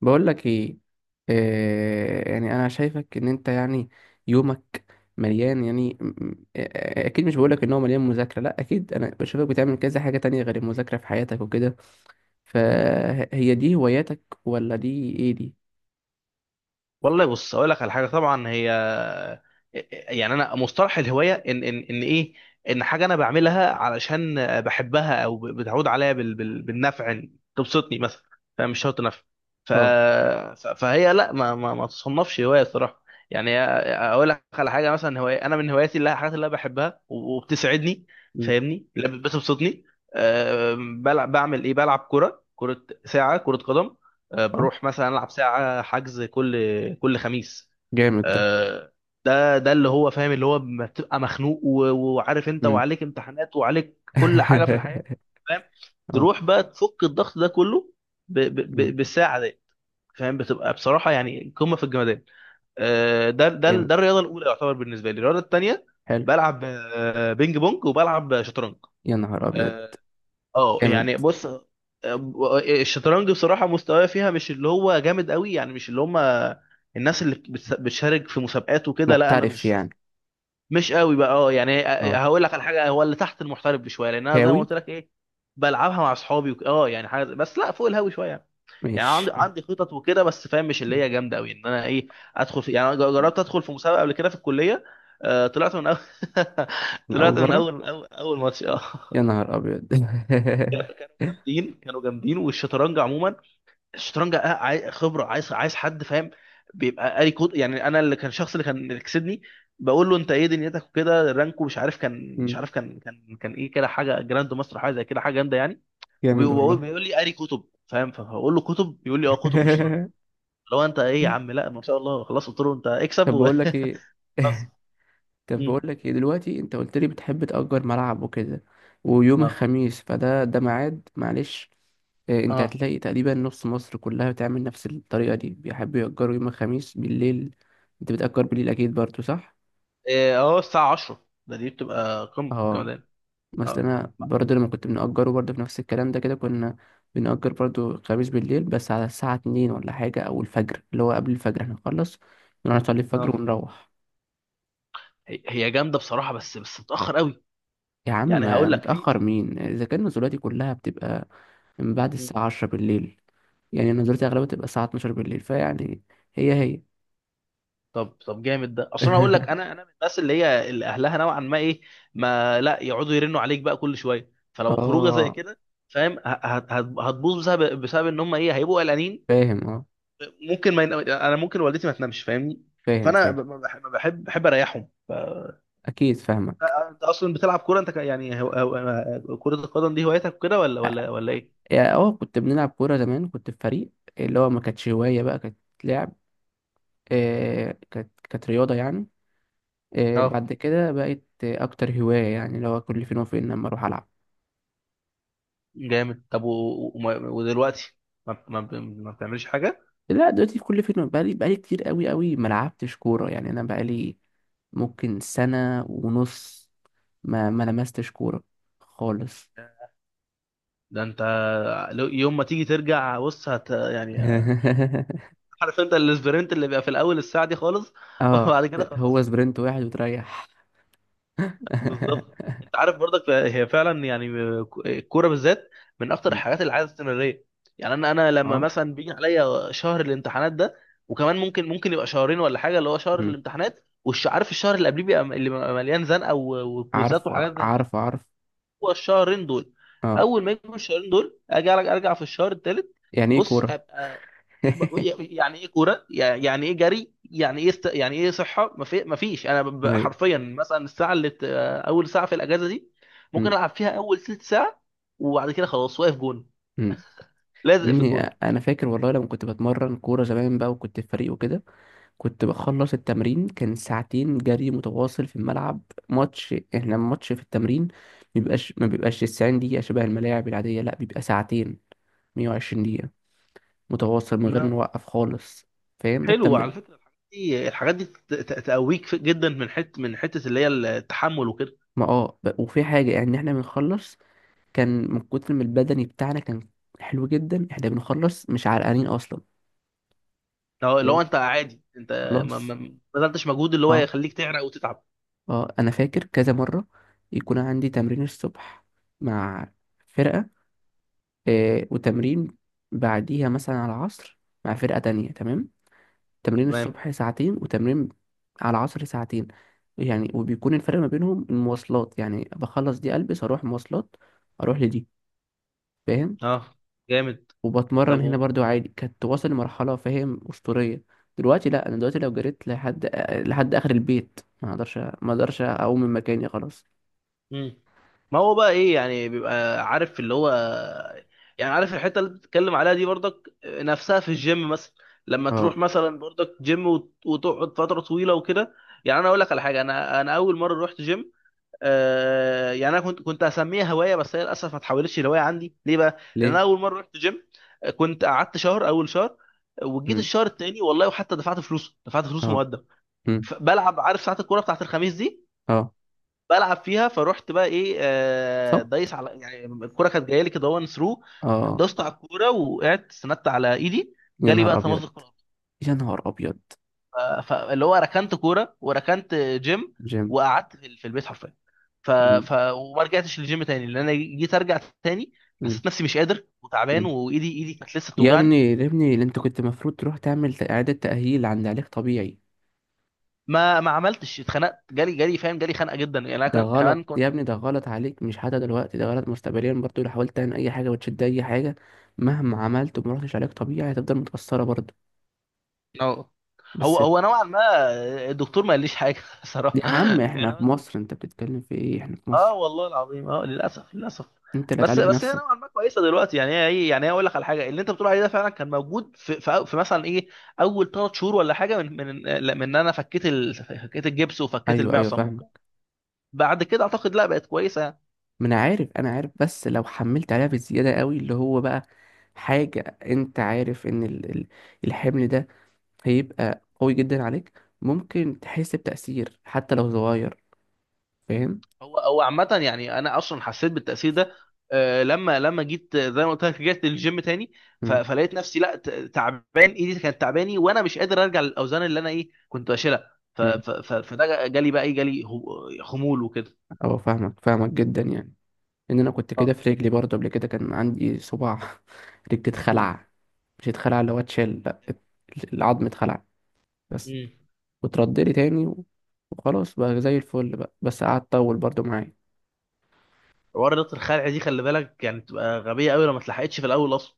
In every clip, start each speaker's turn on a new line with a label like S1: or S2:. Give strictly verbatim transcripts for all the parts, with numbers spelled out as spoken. S1: بقول لك ايه. آه يعني انا شايفك ان انت، يعني يومك مليان، يعني م- م- آه، آه، اكيد مش بقول لك ان هو مليان مذاكره، لا اكيد انا بشوفك بتعمل كذا حاجه تانية غير المذاكره في حياتك وكده.
S2: م.
S1: فهي دي هواياتك ولا دي ايه دي؟
S2: والله بص اقول لك على حاجه. طبعا هي يعني انا مصطلح الهوايه ان ان ان ايه، ان حاجه انا بعملها علشان بحبها او بتعود عليا بال... بال... بالنفع، إن تبسطني مثلا، فمش شرط نفع. ف...
S1: اه.
S2: ف- فهي لا ما ما, ما تصنفش هوايه الصراحه. يعني اقول لك على حاجه، مثلا هوايه، انا من هواياتي اللي هي الحاجات اللي انا بحبها وبتسعدني،
S1: مم.
S2: فاهمني؟ اللي بتبسطني. أه بلعب، بعمل ايه؟ بلعب كره، كره ساعه كره قدم. آه،
S1: اه.
S2: بروح مثلا العب ساعه حجز كل كل خميس.
S1: جامد ده.
S2: آه، ده ده اللي هو فاهم، اللي هو ما بتبقى مخنوق و- وعارف انت
S1: مم.
S2: وعليك امتحانات وعليك كل حاجه في الحياه، فاهم؟
S1: اه.
S2: تروح بقى تفك الضغط ده كله ب ب
S1: مم.
S2: ب بالساعه دي. فاهم؟ بتبقى بصراحه يعني قمه في الجمدان. آه، ده ده
S1: جامد.
S2: ده الرياضه الاولى يعتبر بالنسبه لي. الرياضه الثانيه
S1: حلو.
S2: بلعب آه، بينج بونج، وبلعب آه، شطرنج.
S1: يا نهار ابيض.
S2: آه، اه
S1: جامد.
S2: يعني بص، آه، الشطرنج بصراحة مستواي فيها مش اللي هو جامد قوي، يعني مش اللي هم الناس اللي بتس- بتشارك في مسابقات وكده، لا انا
S1: محترف
S2: مش
S1: يعني.
S2: مش قوي بقى. اه يعني آه، آه،
S1: اه.
S2: هقول لك على حاجة، هو اللي تحت المحترف بشوية، لان انا زي ما
S1: هاوي.
S2: قلت لك ايه، بلعبها مع اصحابي وك- اه يعني حاجة، بس لا فوق الهاوي شوية يعني. يعني عندي
S1: ماشي.
S2: عندي خطط وكده، بس فاهم مش اللي هي جامدة قوي ان انا ايه، ادخل في، يعني أنا جربت ادخل في مسابقة قبل كده في الكلية. آه، طلعت من اول
S1: من اول
S2: طلعت من
S1: مره.
S2: اول اول, أول ماتش اه.
S1: يا نهار ابيض.
S2: جامدين، كانوا جامدين. والشطرنج عموما، الشطرنج آه، عاي- خبره، عايز عايز حد فاهم، بيبقى قاري كود. يعني انا اللي كان، الشخص اللي كان اللي كسبني، بقول له انت ايه دنيتك وكده، رانكو مش عارف، كان مش
S1: مم.
S2: عارف، كان كان كان ايه كده، حاجه جراند ماستر حاجه زي كده، حاجه جامده يعني.
S1: جامد
S2: وبيقول
S1: والله.
S2: بيقول لي قاري كتب، فاهم؟ فبقول له كتب؟ بيقول لي اه، كتب في الشطرنج. لو انت ايه يا عم؟ لا ما شاء الله، خلاص قلت له انت اكسب
S1: طب
S2: وخلاص
S1: بقول لك ايه. طب
S2: مم.
S1: بقول لك ايه دلوقتي، انت قلت لي بتحب تأجر ملعب وكده، ويوم
S2: اه
S1: الخميس فده ده ميعاد، معلش إيه، انت
S2: اه
S1: هتلاقي تقريبا نص مصر كلها بتعمل نفس الطريقة دي، بيحبوا يأجروا يوم الخميس بالليل. انت بتأجر بالليل اكيد برضو، صح؟
S2: إيه، اه الساعه عشرة، ده دي بتبقى قمه في
S1: اه.
S2: الجمدان. اه
S1: مثلا انا برضو لما كنت بنأجره برضو في نفس الكلام ده كده، كنا بنأجر برضو الخميس بالليل، بس على الساعة اتنين ولا حاجة، او الفجر، اللي هو قبل الفجر احنا نخلص نروح نصلي الفجر
S2: اه
S1: ونروح.
S2: هي هي جامده بصراحه، بس بس متاخر قوي.
S1: يا عم
S2: يعني
S1: ما
S2: هقول لك في
S1: متأخر
S2: في
S1: مين؟ إذا كان نزولاتي كلها بتبقى من بعد
S2: مم.
S1: الساعة عشرة بالليل، يعني نزولاتي أغلبها بتبقى الساعة اتناشر بالليل، فيعني هي هي
S2: طب طب جامد ده. اصل انا هقول لك، انا انا من الناس اللي هي اللي اهلها نوعا ما ايه، ما لا يقعدوا يرنوا عليك بقى كل شويه. فلو خروجه زي
S1: اه
S2: كده، فاهم ه- هت- هت- هتبوظ، بسبب بسبب ان هم ايه، هيبقوا قلقانين.
S1: فاهم. اه
S2: ممكن ما ين- انا ممكن والدتي ما تنامش، فاهمني؟
S1: فاهم
S2: فانا ب-
S1: فاهم.
S2: ب- بحب بحب بحب اريحهم. ف-
S1: أكيد فاهمك.
S2: انت اصلا بتلعب كوره انت، ك- يعني هو، هو كره القدم دي هوايتك كده، ولا ولا ولا ايه؟
S1: يعني اه، كنت بنلعب كورة زمان، كنت في فريق، اللي هو ما كانتش هواية بقى، كانت لعب. آه كانت كانت رياضة يعني. آه
S2: اه
S1: بعد كده بقت آه، أكتر هواية، يعني اللي هو كل فين وفين لما أروح ألعب.
S2: جامد. طب و... وما- ودلوقتي ما... ما... ب- ما بتعملش حاجة؟
S1: لا دلوقتي في كل فيلم، بقالي بقالي كتير قوي قوي ما لعبتش كورة، يعني انا بقالي ممكن سنة ونص ما ما لمستش كورة خالص.
S2: ده انت لو- يوم ما تيجي ترجع بص هت... يعني عارف انت الاسبرنت اللي بيبقى في الاول الساعة دي خالص
S1: اه.
S2: وبعد كده
S1: هو
S2: خلاص.
S1: سبرنت واحد وتريح.
S2: بالظبط. انت عارف برضك هي فعلا يعني الكورة بالذات من اكتر
S1: مم.
S2: الحاجات اللي عايزة استمرارية. يعني انا انا لما
S1: اه.
S2: مثلا بيجي عليا شهر الامتحانات ده، وكمان ممكن ممكن يبقى شهرين ولا حاجة، اللي هو شهر
S1: مم.
S2: الامتحانات وعارف الشهر اللي قبليه بيبقى، اللي بيبقى مليان زنقة و- وكويزات
S1: عارفه
S2: وحاجات زي كده،
S1: عارفه عارف.
S2: هو الشهرين دول،
S1: اه
S2: اول ما يجوا الشهرين دول اجي ارجع، ارجع في الشهر الثالث.
S1: يعني ايه
S2: بص
S1: كورة.
S2: ابقى ب- يعني ايه كوره، يعني ايه جري، يعني ايه است... يعني ايه صحه، ما في... ما فيش. انا ب... ب-
S1: ايوه.
S2: حرفيا مثلا الساعه اللي بت... اول ساعه في الاجازه دي ممكن
S1: مم.
S2: العب فيها اول ثلث ساعه، وبعد كده خلاص واقف جون،
S1: مم. يا
S2: لازق في
S1: ابني
S2: الجون.
S1: انا فاكر والله لما كنت بتمرن كورة زمان بقى وكنت في فريق وكده، كنت بخلص التمرين كان ساعتين جري متواصل في الملعب. ماتش، احنا الماتش في التمرين مبيبقاش ما بيبقاش تسعين دقيقة شبه الملاعب العادية، لا بيبقى ساعتين، ميه وعشرين دقيقة متواصل من غير
S2: ما
S1: ما نوقف خالص. فاهم ده
S2: حلو على
S1: التمرين؟
S2: فكره، الحاجات دي، الحاجات دي ت- ت- تقويك في- جدا من حته، من حته اللي هي التحمل وكده.
S1: ما اه ب- وفي حاجة يعني، احنا بنخلص كان من كتر ما البدني بتاعنا كان حلو جدا، احنا بنخلص مش عرقانين اصلا.
S2: لو
S1: ايه.
S2: لو
S1: طب
S2: انت عادي انت ما ما
S1: خلاص.
S2: ما بذلتش مجهود اللي هو
S1: اه.
S2: يخليك تعرق وتتعب.
S1: اه انا فاكر كذا مرة يكون عندي تمرين الصبح مع فرقة، آه، وتمرين بعديها مثلا على العصر مع فرقة تانية، تمام. تمرين
S2: تمام.
S1: الصبح ساعتين، وتمرين على العصر ساعتين، يعني وبيكون الفرق ما بينهم المواصلات، يعني بخلص دي ألبس أروح مواصلات، أروح لدي، فاهم.
S2: اه جامد.
S1: وبتمرن
S2: طب
S1: هنا
S2: و-
S1: برضو عادي، كانت واصل لمرحلة فاهم أسطورية. دلوقتي لا، أنا دلوقتي لو جريت لحد لحد آخر البيت ما أقدرش، ما أقدرش أقوم من مكاني خلاص.
S2: مم. ما هو بقى ايه يعني، بيبقى عارف اللي هو، يعني عارف الحته اللي بتتكلم عليها دي برضك نفسها في الجيم مثلا، لما
S1: اه.
S2: تروح مثلا برضك جيم وت- وتقعد فتره طويله وكده. يعني انا اقول لك على حاجه، انا انا اول مره رحت جيم، آه يعني انا كنت كنت هسميها هوايه، بس هي للاسف ما اتحولتش لهوايه عندي. ليه بقى؟ لان
S1: ليه؟
S2: انا اول مره رحت جيم آه، كنت قعدت شهر، اول شهر، وجيت
S1: مم.
S2: الشهر التاني والله، وحتى دفعت فلوسه، دفعت فلوسه
S1: اه.
S2: مقدم.
S1: مم.
S2: ف- بلعب، عارف ساعات الكوره بتاعت الخميس دي،
S1: اه.
S2: بلعب فيها. فروحت بقى ايه، آه،
S1: صح؟
S2: دايس على، يعني الكوره كانت جايه لي كده، وان ثرو
S1: اه.
S2: دوست على الكوره، وقعدت استندت على ايدي،
S1: يا
S2: جالي بقى
S1: نهار أبيض.
S2: تمزق في الأرض.
S1: يا نهار أبيض.
S2: ف- فاللي هو ركنت كوره وركنت جيم،
S1: جيم.
S2: وقعدت في في البيت حرفيا. ف...
S1: مم.
S2: ف... وما رجعتش للجيم تاني، لان انا جيت ارجع تاني
S1: مم.
S2: حسيت نفسي مش قادر وتعبان،
S1: مم.
S2: وايدي ايدي كانت لسه
S1: يا
S2: بتوجعني.
S1: ابني يا ابني اللي انت كنت المفروض تروح تعمل ت- إعادة تأهيل عند علاج طبيعي.
S2: ما ما عملتش. اتخنقت، جالي جالي فاهم؟ جالي خنقه جدا. يعني انا
S1: ده
S2: ك-
S1: غلط
S2: كمان
S1: يا
S2: كنت،
S1: ابني، ده غلط عليك، مش حتى دلوقتي، ده غلط مستقبليا برضو لو حاولت تعمل أي حاجة وتشد أي حاجة، مهما عملت وما رحتش علاج طبيعي هتفضل متأثرة برضو.
S2: هو
S1: بس.
S2: هو نوعا ما الدكتور ما قاليش حاجه صراحه.
S1: يا عم احنا
S2: يعني
S1: في
S2: هو،
S1: مصر، انت بتتكلم في ايه؟ احنا في
S2: اه
S1: مصر،
S2: والله العظيم، اه للاسف للاسف
S1: انت اللي
S2: بس
S1: هتعالج
S2: بس هي
S1: نفسك.
S2: نوعا ما كويسه دلوقتي، يعني هي ايه، يعني هي اقول لك على حاجه، اللي انت بتقول عليه ده فعلا كان موجود في في, في مثلا ايه، اول ثلاث شهور ولا حاجه من من من ان انا فكيت ال... فكيت الجبس وفكيت
S1: ايوه ايوه
S2: المعصم
S1: فاهم.
S2: وكده، بعد كده اعتقد لا بقت كويسه يعني.
S1: ما انا عارف، انا عارف بس لو حملت عليها بالزياده قوي، اللي هو بقى حاجه، انت عارف ان ال- ال- الحمل ده هيبقى قوي جدا عليك، ممكن تحس بتأثير حتى لو صغير. فاهم.
S2: هو هو عامة، يعني أنا أصلا حسيت بالتأثير ده. آه، لما لما جيت، آه، زي ما قلت لك رجعت للجيم تاني، ف-
S1: امم.
S2: فلقيت نفسي لا ت- تعبان، إيدي كانت تعباني، وأنا مش قادر أرجع للأوزان اللي أنا إيه كنت بشيلها. ف-
S1: امم.
S2: ف- ف- فده جالي بقى إيه، جالي هو- خمول وكده.
S1: اه فاهمك، فاهمك جدا يعني. ان انا كنت كده في
S2: اه
S1: رجلي برضه قبل كده، كان عندي صباع رجلي
S2: مم.
S1: اتخلع، مش اتخلع اللي هو اتشال، لا ات- العظم اتخلع بس،
S2: امم.
S1: وترد لي تاني، و- وخلاص بقى زي الفل بقى، بس قعد طول برضه معايا.
S2: حوار رياضة الخلع دي خلي بالك، يعني بتبقى غبية قوي لو ما اتلحقتش في الأول أصلا.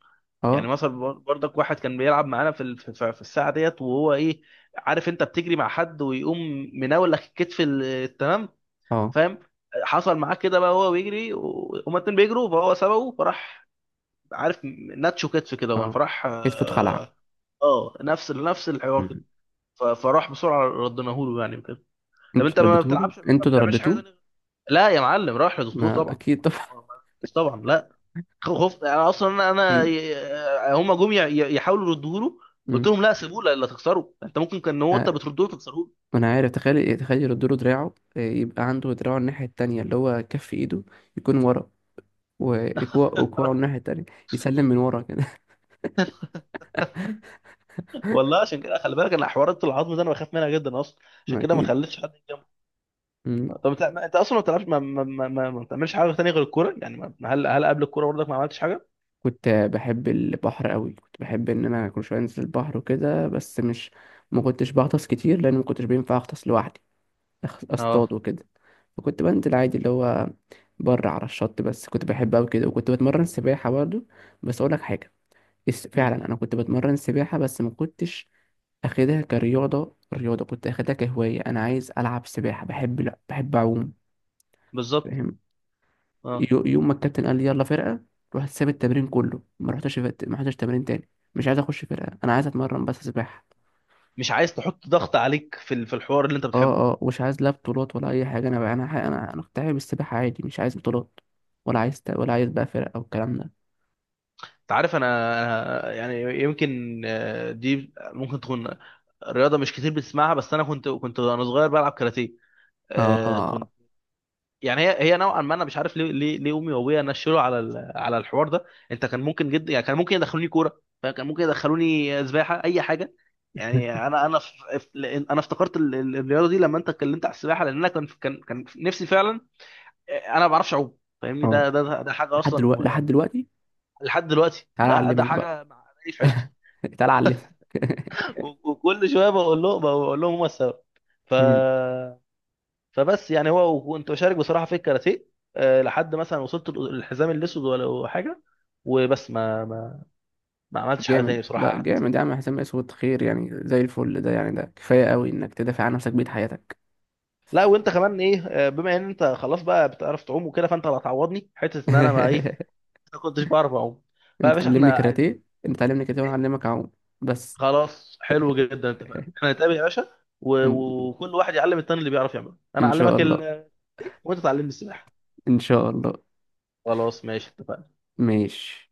S2: يعني
S1: اه.
S2: مثلا بر- برضك واحد كان بيلعب معانا في ال- في في- في الساعة ديت، وهو إيه عارف أنت بتجري مع حد ويقوم مناول لك الكتف ال- تمام،
S1: اه.
S2: فاهم؟ حصل معاه كده بقى، وهو بيجري و- هما الاتنين بيجروا فهو سبقه فراح، عارف، ناتشو كتف كده وان
S1: اه
S2: فراح
S1: كتفه اتخلع.
S2: اه، آه، نفس نفس الحوار كده.
S1: مم.
S2: ف- فراح بسرعه ردناه له يعني كده. طب
S1: انتوا
S2: انت
S1: اللي
S2: ما
S1: رديتوا له،
S2: بتلعبش، ما
S1: انتوا اللي
S2: بتعملش حاجه
S1: رديتوه.
S2: تانيه؟ لا يا معلم، راح لدكتور
S1: ما
S2: طبعا.
S1: اكيد طبعا.
S2: طبعا لا، خفت انا اصلا، انا
S1: اكيد.
S2: أنا- هما جم ي- يحاولوا يردوه له، قلت
S1: مم.
S2: لهم لا سيبوه، لا لا تكسره انت، ممكن كان هو
S1: آه،
S2: انت بتردوه تكسروه
S1: ما انا عارف. تخيل تخيل يردوا له دراعه، آه، يبقى عنده دراعه الناحيه التانية، اللي هو كف ايده يكون ورا، وكوعه وكوعه الناحيه التانية، يسلم من ورا كده.
S2: والله عشان كده خلي بالك، انا حوارات العظم ده انا بخاف منها جدا اصلا. عشان
S1: ما
S2: كده ما
S1: اكيد.
S2: خليتش حد.
S1: مم.
S2: طب انت ما- انت اصلا ما بتلعبش، ما, ما, ما, ما, ما بتعملش حاجه تانية غير الكوره يعني؟ ما ما- هل هل قبل الكوره برضك ما عملتش حاجه؟
S1: كنت بحب البحر قوي، كنت بحب ان انا كل شويه انزل البحر وكده، بس مش، ما كنتش بغطس كتير، لان ما كنتش بينفع اغطس لوحدي أخ-
S2: اه
S1: اصطاد وكده. فكنت بنزل عادي اللي هو بره على الشط، بس كنت بحب أوي كده، وكنت بتمرن سباحة برضه. بس أقولك حاجة، الس-
S2: مم.
S1: فعلا أنا كنت بتمرن سباحة بس ما كنتش أخدها كرياضة، رياضة كنت أخدها كهواية، أنا عايز ألعب سباحة، بحب لا بحب أعوم.
S2: بالظبط.
S1: فاهم.
S2: اه
S1: يو- يوم ما الكابتن قال لي يلا فرقة، رحت ساب التمرين كله، ما رحتش فت- ما رحتش تمرين تاني. مش عايز أخش فرقة، أنا عايز أتمرن بس سباحة.
S2: مش عايز تحط ضغط عليك في ال- في الحوار اللي انت بتحبه.
S1: اه اه مش عايز، لا بطولات ولا اي حاجه، انا بقى انا حي- انا انا كنت حابب السباحه عادي، مش عايز بطولات، ولا عايز ت- ولا عايز بقى فرق او الكلام ده.
S2: انت عارف انا، انا يعني يمكن، آه، دي ممكن تكون رياضه مش كتير بتسمعها، بس انا كنت كنت وانا صغير بلعب كاراتيه.
S1: اه.
S2: يعني هي هي نوعا ما، انا مش عارف ليه ليه ليه امي وابويا نشلوا على ال- على الحوار ده. انت كان ممكن جدا، يعني كان ممكن يدخلوني كوره، فكان ممكن يدخلوني سباحه، اي حاجه. يعني انا انا ف- ف- لأن انا افتكرت ال- ال- الرياضه دي لما انت اتكلمت على السباحه، لان انا كان كان كان نفسي فعلا، انا ما بعرفش اعوم فاهمني؟
S1: اه
S2: ده ده ده ده حاجه
S1: لحد دلوقتي،
S2: اصلا
S1: لحد
S2: يعني،
S1: دلوقتي.
S2: لحد دلوقتي،
S1: تعالى
S2: ده ده
S1: اعلمك بقى.
S2: حاجه مع- في عشتي
S1: تعالى اعلمك.
S2: و- وكل شويه بقول لهم، بقول لهم هم السبب. ف
S1: مم.
S2: فبس يعني، هو وكنت بشارك بصراحه في الكاراتيه، آه، لحد مثلا وصلت الحزام الاسود ولا حاجه، وبس ما ما, ما عملتش حاجه
S1: جامد،
S2: تاني بصراحه،
S1: لا
S2: قعدت.
S1: جامد يا عم، حسام اسود خير يعني زي الفل، ده يعني ده كفايه قوي انك تدافع عن نفسك بيت حياتك.
S2: لا وانت كمان ايه، آه، بما ان انت خلاص بقى بتعرف تعوم وكده، فانت اللي هتعوضني حته ان انا ما ايه، ما كنتش بعرف اعوم، فيا
S1: انت
S2: باشا
S1: تعلمني
S2: احنا عايزين.
S1: كاراتيه، انت تعلمني كاراتيه وانا اعلمك اعوم. بس.
S2: خلاص، حلو جدا، اتفقنا، احنا نتقابل يا باشا. و-
S1: ان،
S2: وكل واحد يعلم التاني اللي بيعرف يعمله، انا
S1: إن شاء
S2: اعلمك ال...
S1: الله.
S2: إيه، وانت تعلمني السباحه.
S1: ان شاء الله.
S2: خلاص ماشي اتفقنا.
S1: ماشي.